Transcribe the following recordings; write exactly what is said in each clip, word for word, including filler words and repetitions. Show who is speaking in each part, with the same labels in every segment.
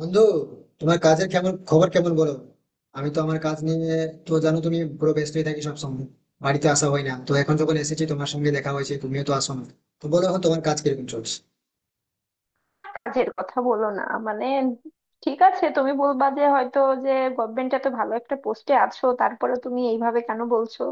Speaker 1: বন্ধু, তোমার কাজের কেমন খবর, কেমন বলো। আমি তো আমার কাজ নিয়ে, তো জানো তুমি, পুরো ব্যস্তই থাকি সব সময়। বাড়িতে আসা হয় না, তো এখন যখন এসেছি তোমার সঙ্গে দেখা হয়েছে, তুমিও তো আসো না। তো বলো এখন তোমার কাজ কিরকম চলছে।
Speaker 2: কাজের কথা বলো না। মানে ঠিক আছে, তুমি বলবা যে হয়তো যে গভর্নমেন্ট এত ভালো একটা পোস্টে আছো, তারপরে তুমি এইভাবে কেন বলছো।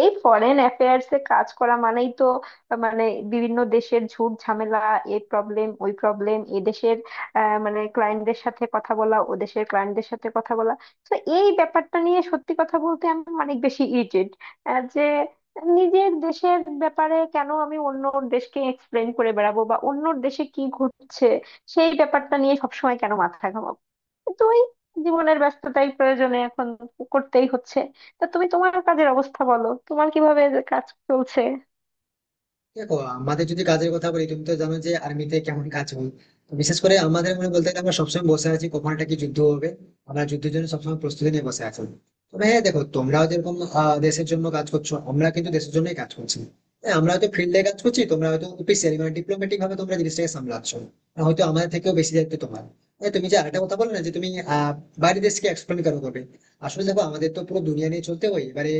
Speaker 2: এই ফরেন অ্যাফেয়ার্স এ কাজ করা মানেই তো আহ, মানে বিভিন্ন দেশের ঝুট ঝামেলা, এই প্রবলেম ওই প্রবলেম, এ দেশের আহ, মানে ক্লায়েন্টদের সাথে কথা বলা, ও দেশের ক্লায়েন্টদের সাথে কথা বলা। তো এই ব্যাপারটা নিয়ে সত্যি কথা বলতে আমি অনেক বেশি ইরিটেট যে নিজের দেশের ব্যাপারে কেন আমি অন্য দেশকে এক্সপ্লেন করে বেড়াবো, বা অন্য দেশে কি ঘটছে সেই ব্যাপারটা নিয়ে সবসময় কেন মাথা ঘামাবো। কিন্তু ওই জীবনের ব্যস্ততাই, প্রয়োজনে এখন করতেই হচ্ছে। তা তুমি তোমার কাজের অবস্থা বলো, তোমার কিভাবে কাজ চলছে।
Speaker 1: দেখো, আমাদের যদি কাজের কথা বলি, তুমি তো জানো যে আর্মিতে কেমন কাজ হয়। তো বিশেষ করে আমাদের মনে বলতে গেলে, আমরা সবসময় বসে আছি কখন একটা কি যুদ্ধ হবে। আমরা যুদ্ধের জন্য সবসময় প্রস্তুতি নিয়ে বসে আছি। তবে হ্যাঁ, দেখো তোমরাও যেরকম আহ, দেশের জন্য কাজ করছো, আমরা কিন্তু দেশের জন্যই কাজ করছি। হ্যাঁ, আমরা হয়তো ফিল্ডে কাজ করছি, তোমরা হয়তো অফিসিয়ালি মানে ডিপ্লোম্যাটিক ভাবে তোমরা জিনিসটাকে সামলাচ্ছ। আর হয়তো আমাদের থেকেও বেশি দায়িত্ব তোমার। হ্যাঁ, তুমি যে আরেকটা কথা বললে না যে তুমি আহ বাইরের দেশকে এক্সপ্লেন করো, করবে। আসলে দেখো, আমাদের তো পুরো দুনিয়া নিয়ে চলতে হয় এবারে।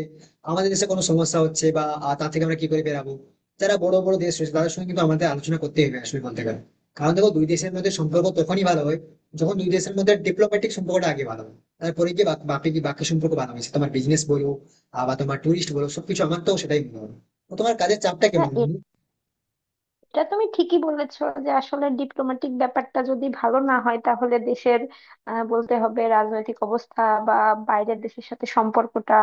Speaker 1: আমাদের দেশে কোনো সমস্যা হচ্ছে বা আহ, তা থেকে আমরা কি করে বেরাবো, যারা বড় বড় দেশ রয়েছে তাদের সঙ্গে কিন্তু আমাদের আলোচনা করতে হবে আসলে বলতে গেলে। কারণ দেখো, দুই দেশের মধ্যে সম্পর্ক তখনই ভালো হয় যখন দুই দেশের মধ্যে ডিপ্লোম্যাটিক সম্পর্কটা আগে ভালো হয়। তারপরে গিয়ে বাক- বাকি কি বাকি সম্পর্ক ভালো হয়েছে, তোমার বিজনেস বলো আহ, বা তোমার টুরিস্ট বলো সবকিছু, আমার তো সেটাই মনে হয়। তো তোমার কাজের চাপটা
Speaker 2: না,
Speaker 1: কেমন বন্ধু?
Speaker 2: এটা তুমি ঠিকই বলেছো যে আসলে ডিপ্লোম্যাটিক ব্যাপারটা যদি ভালো না হয়, তাহলে দেশের আহ, বলতে হবে রাজনৈতিক অবস্থা বা বাইরের দেশের সাথে সম্পর্কটা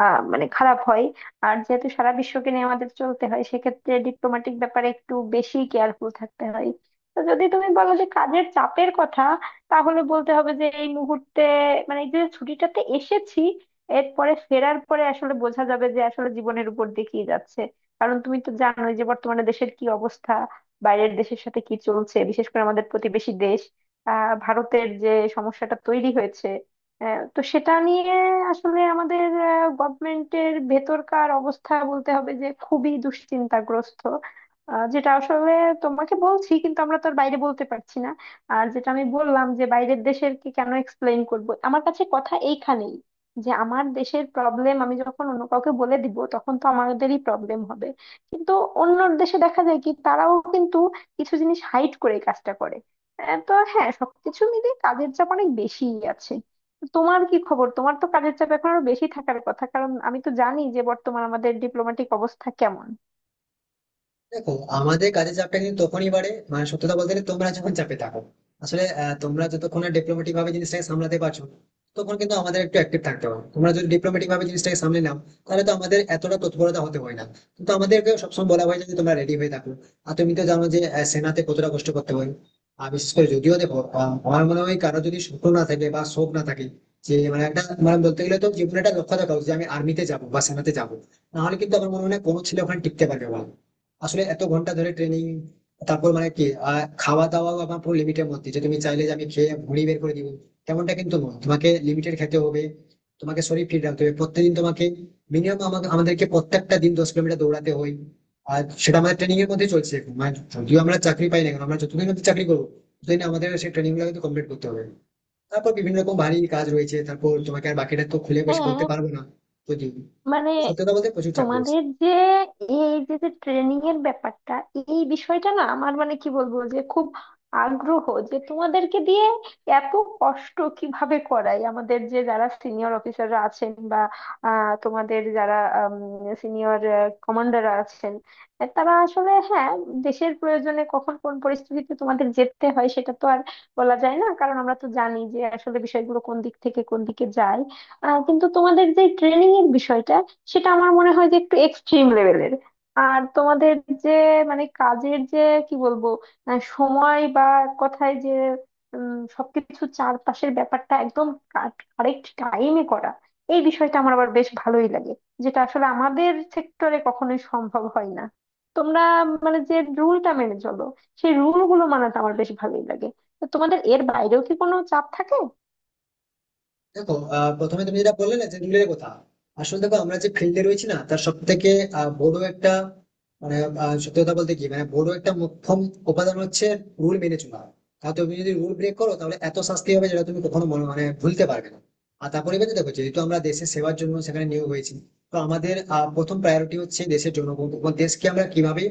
Speaker 2: আহ, মানে খারাপ হয়। আর যেহেতু সারা বিশ্বকে নিয়ে আমাদের চলতে হয়, সেক্ষেত্রে ডিপ্লোম্যাটিক ব্যাপারে একটু বেশি কেয়ারফুল থাকতে হয়। তো যদি তুমি বলো যে কাজের চাপের কথা, তাহলে বলতে হবে যে এই মুহূর্তে মানে এই যে ছুটিটাতে এসেছি, এরপরে ফেরার পরে আসলে বোঝা যাবে যে আসলে জীবনের উপর দিয়ে কি যাচ্ছে। কারণ তুমি তো জানোই যে বর্তমানে দেশের কি অবস্থা, বাইরের দেশের সাথে কি চলছে, বিশেষ করে আমাদের প্রতিবেশী দেশ আহ ভারতের যে সমস্যাটা তৈরি হয়েছে, আহ, তো সেটা নিয়ে আসলে আমাদের গভর্নমেন্টের ভেতরকার অবস্থা বলতে হবে যে খুবই দুশ্চিন্তাগ্রস্ত। আহ, যেটা আসলে তোমাকে বলছি, কিন্তু আমরা তো আর বাইরে বলতে পারছি না। আর যেটা আমি বললাম যে বাইরের দেশের কি কেন এক্সপ্লেইন করব, আমার কাছে কথা এইখানেই, যে আমার দেশের প্রবলেম আমি যখন অন্য কাউকে বলে দিব, তখন তো আমাদেরই প্রবলেম হবে। কিন্তু অন্য দেশে দেখা যায় কি, তারাও কিন্তু কিছু জিনিস হাইড করে এই কাজটা করে। আহ, তো হ্যাঁ, সবকিছু মিলে কাজের চাপ অনেক বেশিই আছে। তোমার কি খবর? তোমার তো কাজের চাপ এখন আরো বেশি থাকার কথা, কারণ আমি তো জানি যে বর্তমান আমাদের ডিপ্লোম্যাটিক অবস্থা কেমন।
Speaker 1: দেখো, আমাদের কাজের চাপটা কিন্তু তখনই বাড়ে, মানে সত্যি কথা বলতে গেলে তোমরা যখন চাপে থাকো। আসলে আহ, তোমরা যতক্ষণ ডিপ্লোমেটিক ভাবে জিনিসটাকে সামলাতে পারছো, তখন কিন্তু আমাদের একটু অ্যাক্টিভ থাকতে হবে। তোমরা যদি ডিপ্লোমেটিক ভাবে জিনিসটাকে সামলে নাও তাহলে তো আমাদের এতটা তৎপরতা হতে হয় না। কিন্তু আমাদেরকে সবসময় বলা হয় যে তোমরা রেডি হয়ে থাকো। আর তুমি তো জানো যে আহ, সেনাতে কতটা কষ্ট করতে হয়। আর বিশেষ করে যদিও দেখো আহ, আমার মনে হয় কারো যদি স্বপ্ন না থাকে বা শখ না থাকে, যে মানে একটা মানে বলতে গেলে তো জীবনে একটা লক্ষ্য থাকা উচিত যে আমি আর্মিতে যাবো বা সেনাতে যাবো। নাহলে কিন্তু আমার মনে হয় না কোনো ছেলে ওখানে টিকতে পারবে বলে। আসলে এত ঘন্টা ধরে ট্রেনিং, তারপর মানে কি আহ, খাওয়া দাওয়াও আমার পুরো লিমিটের মধ্যে। যে তুমি চাইলে যে আমি খেয়ে ভুঁড়ি বের করে দিব, তেমনটা কিন্তু নয়। তোমাকে লিমিটেড খেতে হবে, তোমাকে শরীর ফিট রাখতে হবে। প্রত্যেকদিন তোমাকে মিনিমাম, আমাকে আমাদেরকে প্রত্যেকটা দিন দশ কিলোমিটার দৌড়াতে হয়। আর সেটা আমাদের ট্রেনিং এর মধ্যেই চলছে এখন। মানে যদিও আমরা চাকরি পাই না কেন, আমরা যতদিন অব্দি চাকরি করবো ততদিন আমাদের সেই ট্রেনিং গুলো কিন্তু কমপ্লিট করতে হবে। তারপর বিভিন্ন রকম ভারী কাজ রয়েছে, তারপর তোমাকে আর বাকিটা তো খুলে বেশি বলতে
Speaker 2: হ্যাঁ,
Speaker 1: পারবো না। যদি
Speaker 2: মানে
Speaker 1: সত্যি কথা বলতে প্রচুর চাপ রয়েছে।
Speaker 2: তোমাদের যে এই যে যে ট্রেনিং এর ব্যাপারটা, এই বিষয়টা না আমার মানে কি বলবো, যে খুব আগ্রহ যে তোমাদেরকে দিয়ে এত কষ্ট কিভাবে করাই আমাদের, যে যারা সিনিয়র অফিসাররা আছেন বা আহ, তোমাদের যারা সিনিয়র কমান্ডার আছেন, আহ, তারা আসলে হ্যাঁ, দেশের প্রয়োজনে কখন কোন পরিস্থিতিতে তোমাদের যেতে হয় সেটা তো আর বলা যায় না, কারণ আমরা তো জানি যে আসলে বিষয়গুলো কোন দিক থেকে কোন দিকে যায়। আহ, কিন্তু তোমাদের যে ট্রেনিং এর বিষয়টা, সেটা আমার মনে হয় যে একটু এক্সট্রিম লেভেলের। আর তোমাদের যে মানে কাজের যে কি বলবো, আহ, সময় বা এক কথায় যে উম, সবকিছু চারপাশের ব্যাপারটা একদম কারেক্ট টাইমে করা, এই বিষয়টা আমার আবার বেশ ভালোই লাগে, যেটা আসলে আমাদের সেক্টরে কখনোই সম্ভব হয় না। তোমরা মানে যে রুলটা মেনে চলো, সেই রুল গুলো মানাটা আমার বেশ ভালোই লাগে। তো তোমাদের এর বাইরেও কি কোনো চাপ থাকে?
Speaker 1: দেখো আহ, প্রথমে তুমি যেটা বললে না যে রুলের কথা। আসলে দেখো, আমরা যে ফিল্ডে রয়েছি না, তার সব থেকে বড় একটা মানে আহ, সত্যি কথা বলতে কি মানে বড় একটা মুখ্যম উপাদান হচ্ছে রুল মেনে চলা। তাহলে তুমি যদি রুল ব্রেক করো তাহলে এত শাস্তি হবে, যেটা তুমি কখনো মনে মানে ভুলতে পারবে না। আর তারপরে এবার দেখো, যেহেতু আমরা দেশের সেবার জন্য সেখানে নিয়োগ হয়েছি, তো আমাদের আহ, প্রথম প্রায়োরিটি হচ্ছে দেশের জনগণ, এবং দেশকে আমরা কিভাবে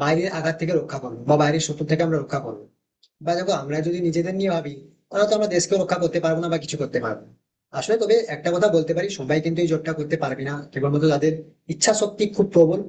Speaker 1: বাইরের আঘাত থেকে রক্ষা করবো বা বাইরের শত্রু থেকে আমরা রক্ষা করবো। বা দেখো, আমরা যদি নিজেদের নিয়ে ভাবি তাহলে তো আমরা দেশকে রক্ষা করতে পারবো না বা কিছু করতে পারবো না। আসলে তবে একটা কথা বলতে পারি, সবাই কিন্তু এই জবটা করতে পারবে না, কেবলমাত্র যাদের ইচ্ছা শক্তি খুব প্রবল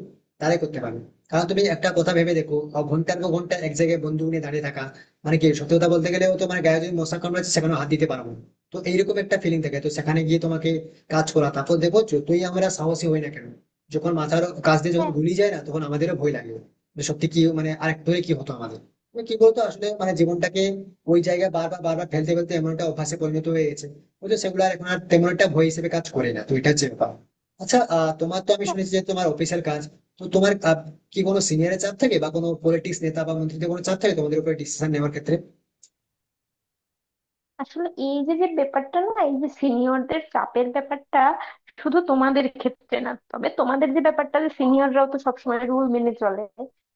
Speaker 1: তারাই করতে পারবে। কারণ তুমি একটা কথা ভেবে দেখো আহ, ঘন্টার পর ঘন্টা এক জায়গায় বন্ধু নিয়ে দাঁড়িয়ে থাকা, মানে কি সত্যি কথা বলতে গেলেও, তোমার গায়ে যদি মশা কামড়াচ্ছে সেখানে হাত দিতে পারবো না। তো এইরকম একটা ফিলিং থাকে, তো সেখানে গিয়ে তোমাকে কাজ করা। তারপর দেখো, যতই আমরা সাহসী হই না কেন, যখন মাথার কাজ দিয়ে যখন
Speaker 2: হ্যাঁ, হ্যাঁ।
Speaker 1: গুলি যায় না তখন আমাদেরও ভয় লাগে, যে সত্যি কি মানে আরেক ধরে কি হতো আমাদের। মানে কি বলতো, আসলে মানে জীবনটাকে ওই জায়গায় বারবার বারবার ফেলতে ফেলতে এমন একটা অভ্যাসে পরিণত হয়ে গেছে, বুঝলো, সেগুলো আর এখন আর তেমন একটা ভয় হিসেবে কাজ করে না। তো এটা হচ্ছে ব্যাপার। আচ্ছা আহ, তোমার তো আমি শুনেছি যে তোমার অফিসের কাজ, তো তোমার আহ, কি কোনো সিনিয়রের চাপ থাকে বা কোনো পলিটিক্স নেতা বা মন্ত্রীদের কোনো চাপ থাকে তোমাদের উপরে ডিসিশন নেওয়ার ক্ষেত্রে?
Speaker 2: আসলে এই যে যে ব্যাপারটা না, এই যে সিনিয়রদের চাপের ব্যাপারটা শুধু তোমাদের ক্ষেত্রে না, তবে তোমাদের যে ব্যাপারটা, যে সিনিয়ররাও তো সবসময় রুল মেনে চলে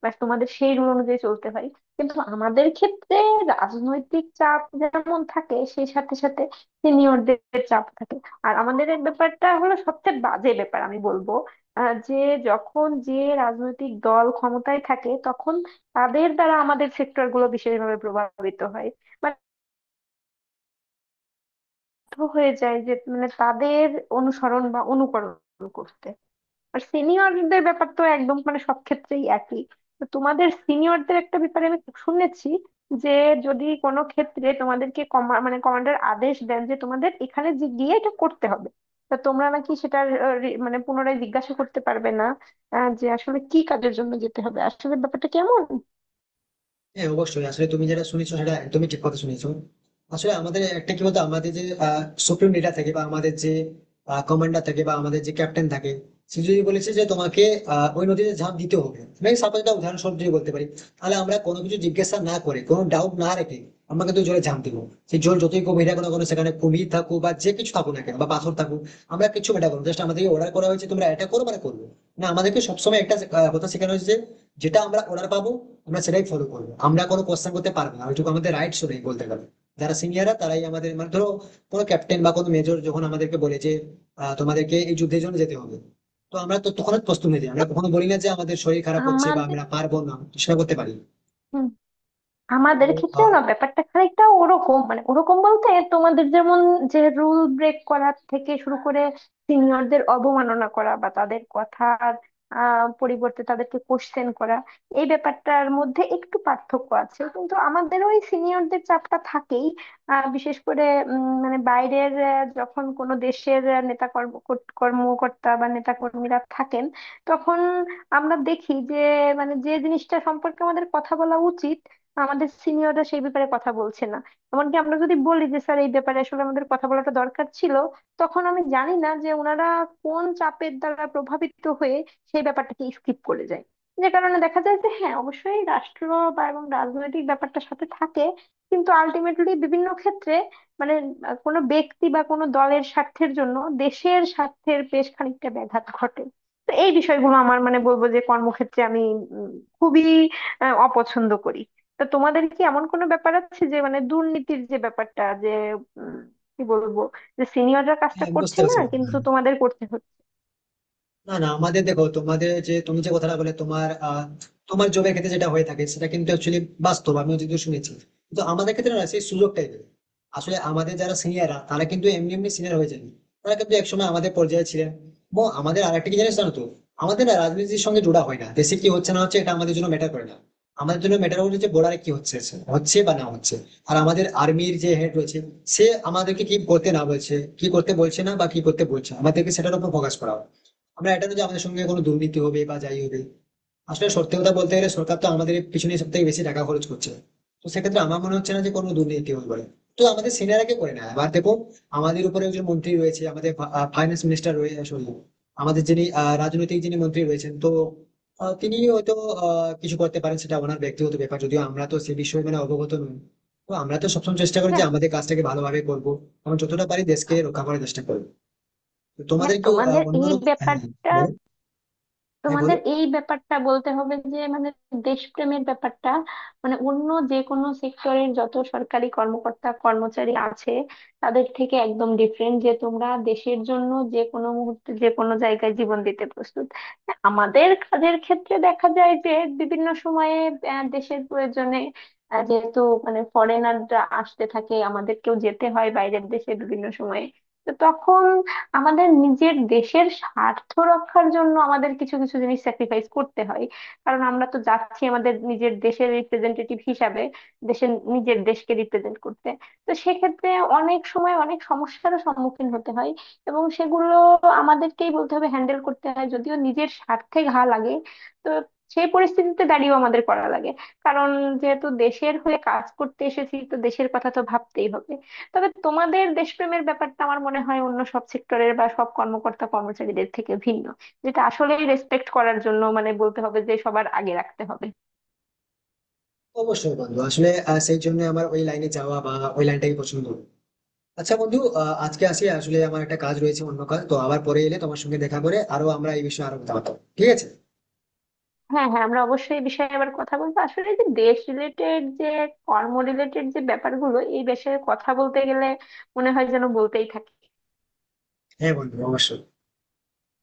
Speaker 2: বা তোমাদের সেই রুল অনুযায়ী চলতে হয়। কিন্তু আমাদের ক্ষেত্রে রাজনৈতিক চাপ যেমন থাকে, সেই সাথে সাথে সিনিয়রদের চাপ থাকে। আর আমাদের এই ব্যাপারটা হলো সবচেয়ে বাজে ব্যাপার আমি বলবো, আহ, যে যখন যে রাজনৈতিক দল ক্ষমতায় থাকে, তখন তাদের দ্বারা আমাদের সেক্টর গুলো বিশেষভাবে প্রভাবিত হয় হয়ে যায়, যে মানে তাদের অনুসরণ বা অনুকরণ করতে। আর সিনিয়রদের ব্যাপার তো একদম মানে সব ক্ষেত্রেই একই। তো তোমাদের সিনিয়রদের একটা ব্যাপারে আমি শুনেছি, যে যদি কোনো ক্ষেত্রে তোমাদেরকে কমা মানে কমান্ডার আদেশ দেন যে তোমাদের এখানে যে গিয়ে এটা করতে হবে, তা তোমরা নাকি সেটার আহ, রি- মানে পুনরায় জিজ্ঞাসা করতে পারবে না, আহ, যে আসলে কি কাজের জন্য যেতে হবে, আসলে ব্যাপারটা কেমন।
Speaker 1: হ্যাঁ অবশ্যই, আসলে তুমি যেটা শুনেছো সেটা একদমই ঠিক কথা শুনেছো। আসলে আমাদের একটা কি বলতো, আমাদের যে সুপ্রিম লিডার থাকে বা আমাদের যে কমান্ডার থাকে বা আমাদের যে ক্যাপ্টেন থাকে, সে যদি বলেছে যে তোমাকে আহ, ওই নদীতে ঝাঁপ দিতে হবে, মানে সাপোজ একটা উদাহরণস্বরূপ যদি বলতে পারি, তাহলে আমরা কোনো কিছু জিজ্ঞাসা না করে, কোনো ডাউট না রেখে আমরা কিন্তু জলে ঝাঁপ দিব। সেই জল যতই গভীর থাকুক না কোনো, সেখানে কুমির থাকুক বা যে কিছু থাকুক না কেন বা পাথর থাকুক, আমরা কিছু এটা করবো। জাস্ট আমাদেরকে অর্ডার করা হয়েছে তোমরা এটা করো, মানে করবো। না, আমাদেরকে সবসময় একটা আহ, কথা শেখানো হয়েছে যে যেটা আমরা অর্ডার পাবো আমরা সেটাই ফলো করবো, আমরা কোনো কোশ্চেন করতে পারবো না, ওইটুকু আমাদের রাইটস নেই বলতে গেলে। যারা সিনিয়ররা তারাই আমাদের মানে ধরো, কোনো ক্যাপ্টেন বা কোনো মেজর যখন আমাদেরকে বলে যে আহ, তোমাদেরকে এই যুদ্ধের জন্য যেতে হবে, তো আমরা তো তখন প্রস্তুত নিয়ে যাই। আমরা কখনো বলি না যে আমাদের শরীর খারাপ হচ্ছে বা
Speaker 2: আমাদের
Speaker 1: আমরা পারবো না সেটা করতে পারি। তো
Speaker 2: আমাদের ক্ষেত্রেও
Speaker 1: আহ,
Speaker 2: না ব্যাপারটা খানিকটা ওরকম, মানে ওরকম বলতে তোমাদের যেমন, যে রুল ব্রেক করা থেকে শুরু করে সিনিয়রদের অবমাননা করা বা তাদের কথার আহ, পরিবর্তে তাদেরকে কোশ্চেন করা, এই ব্যাপারটার মধ্যে একটু পার্থক্য আছে, কিন্তু আমাদের ওই সিনিয়রদের চাপটা থাকেই। আহ, বিশেষ করে উম, মানে বাইরের আহ, যখন কোনো দেশের আহ, নেতা কর্ম কর্ত- কর্মকর্তা বা নেতা কর্মীরা থাকেন, তখন আমরা দেখি যে মানে যে জিনিসটা সম্পর্কে আমাদের কথা বলা উচিত, আমাদের সিনিয়ররা সেই ব্যাপারে কথা বলছে না। এমনকি আমরা যদি বলি যে স্যার, এই ব্যাপারে আসলে আমাদের কথা বলাটা দরকার ছিল, তখন আমি জানি না যে ওনারা কোন চাপের দ্বারা প্রভাবিত হয়ে সেই ব্যাপারটাকে স্কিপ করে যায়। যে কারণে দেখা যায় যে হ্যাঁ, অবশ্যই রাষ্ট্র বা এবং রাজনৈতিক ব্যাপারটা সাথে থাকে, কিন্তু আলটিমেটলি বিভিন্ন ক্ষেত্রে মানে আহ, কোনো ব্যক্তি বা কোনো দলের স্বার্থের জন্য দেশের স্বার্থের বেশ খানিকটা ব্যাঘাত ঘটে। তো এই বিষয়গুলো আমার মানে বলবো যে কর্মক্ষেত্রে আমি উম, খুবই আহ, অপছন্দ করি। তা তোমাদের কি এমন কোনো ব্যাপার আছে, যে মানে দুর্নীতির যে ব্যাপারটা, যে উম, কি বলবো, যে সিনিয়ররা কাজটা
Speaker 1: হ্যাঁ, বুঝতে
Speaker 2: করছে না
Speaker 1: পারছি।
Speaker 2: কিন্তু তোমাদের করতে হচ্ছে?
Speaker 1: না না, আমাদের দেখো, তোমাদের যে তুমি যে কথাটা বলে তোমার আহ, তোমার জবের ক্ষেত্রে যেটা হয়ে থাকে সেটা কিন্তু অ্যাকচুয়ালি বাস্তব, আমিও যদিও শুনেছি। কিন্তু আমাদের ক্ষেত্রে না, সেই সুযোগটাই নেই। আসলে আমাদের যারা সিনিয়ররা তারা কিন্তু এমনি এমনি সিনিয়র হয়ে যায়নি, তারা কিন্তু একসময় আমাদের পর্যায়ে ছিলেন। এবং আমাদের আরেকটা কি জিনিস জানো তো, আমাদের না রাজনীতির সঙ্গে জোড়া হয় না, দেশে কি হচ্ছে না হচ্ছে এটা আমাদের জন্য ম্যাটার করে না। আমাদের জন্য ম্যাটার করে যে বর্ডারে কি হচ্ছে, হচ্ছে বা না হচ্ছে। আর আমাদের আর্মির যে হেড রয়েছে, সে আমাদেরকে কি করতে না বলছে, কি করতে বলছে না বা কি করতে বলছে, আমাদেরকে সেটার উপর ফোকাস করা হয়। আমরা এটা না যে আমাদের সঙ্গে কোনো দুর্নীতি হবে বা যাই হবে। আসলে সত্যি কথা বলতে গেলে সরকার তো আমাদের পিছনে সব থেকে বেশি টাকা খরচ করছে, তো সেক্ষেত্রে আমার মনে হচ্ছে না যে কোনো দুর্নীতি হবে বলে। তো আমাদের সিনিয়ররা কে করে না, এবার দেখো, আমাদের উপরে একজন মন্ত্রী রয়েছে, আমাদের ফাইন্যান্স মিনিস্টার রয়েছে, সরি, আমাদের যিনি আহ, রাজনৈতিক যিনি মন্ত্রী রয়েছেন, তো আহ, তিনি হয়তো আহ, কিছু করতে পারেন, সেটা ওনার ব্যক্তিগত ব্যাপার, যদিও আমরা তো সে বিষয়ে মানে অবগত নই। তো আমরা তো সবসময় চেষ্টা করি যে
Speaker 2: হ্যাঁ,
Speaker 1: আমাদের কাজটাকে ভালোভাবে করবো এবং যতটা পারি দেশকে রক্ষা করার চেষ্টা করবো। তো
Speaker 2: হ্যাঁ,
Speaker 1: তোমাদের কি আহ,
Speaker 2: তোমাদের এই
Speaker 1: অন্যরকম, হ্যাঁ হ্যাঁ,
Speaker 2: ব্যাপারটা
Speaker 1: বলো। হ্যাঁ বলো।
Speaker 2: তোমাদের এই ব্যাপারটা বলতে হবে যে মানে দেশপ্রেমের ব্যাপারটা, মানে অন্য যে কোনো সেক্টরের যত সরকারি কর্মকর্তা কর্মচারী আছে, তাদের থেকে একদম ডিফারেন্ট, যে তোমরা দেশের জন্য যে কোনো মুহূর্তে যে কোনো জায়গায় জীবন দিতে প্রস্তুত। আমাদের কাজের ক্ষেত্রে দেখা যায় যে বিভিন্ন সময়ে আহ, দেশের প্রয়োজনে, আহ, যেহেতু মানে ফরেনাররা আসতে থাকে, আমাদেরকেও যেতে হয় বাইরের দেশে বিভিন্ন সময়ে। তো তখন আমাদের নিজের দেশের স্বার্থ রক্ষার জন্য আমাদের কিছু কিছু জিনিস স্যাক্রিফাইস করতে হয়, কারণ আমরা তো যাচ্ছি আমাদের নিজের দেশের রিপ্রেজেন্টেটিভ হিসাবে, দেশের নিজের দেশকে রিপ্রেজেন্ট করতে। তো সেক্ষেত্রে অনেক সময় অনেক সমস্যারও সম্মুখীন হতে হয়, এবং সেগুলো আমাদেরকেই বলতে হবে হ্যান্ডেল করতে হয়, যদিও নিজের স্বার্থে ঘা লাগে। তো সেই পরিস্থিতিতে দাঁড়িয়েও আমাদের করা লাগে, কারণ যেহেতু দেশের হয়ে কাজ করতে এসেছি, তো দেশের কথা তো ভাবতেই হবে। তবে তোমাদের দেশপ্রেমের ব্যাপারটা আমার মনে হয় অন্য সব সেক্টরের বা সব কর্মকর্তা কর্মচারীদের থেকে ভিন্ন, যেটা আসলেই রেসপেক্ট করার জন্য মানে বলতে হবে যে সবার আগে রাখতে হবে।
Speaker 1: অবশ্যই বন্ধু, আসলে আহ, সেই জন্য আমার ওই লাইনে যাওয়া বা ওই লাইনটাই পছন্দ। আচ্ছা বন্ধু, আহ, আজকে আসি, আসলে আমার একটা কাজ রয়েছে অন্য কাজ, তো আবার পরে এলে তোমার সঙ্গে দেখা করে আরো আমরা এই বিষয়ে আরো কথা বলবো। ঠিক আছে?
Speaker 2: হ্যাঁ, হ্যাঁ, আমরা অবশ্যই এই বিষয়ে আবার কথা বলবো। আসলে যে দেশ রিলেটেড, যে কর্ম রিলেটেড যে ব্যাপারগুলো, এই বিষয়ে কথা বলতে গেলে মনে হয় যেন বলতেই থাকে।
Speaker 1: হ্যাঁ বন্ধু অবশ্যই।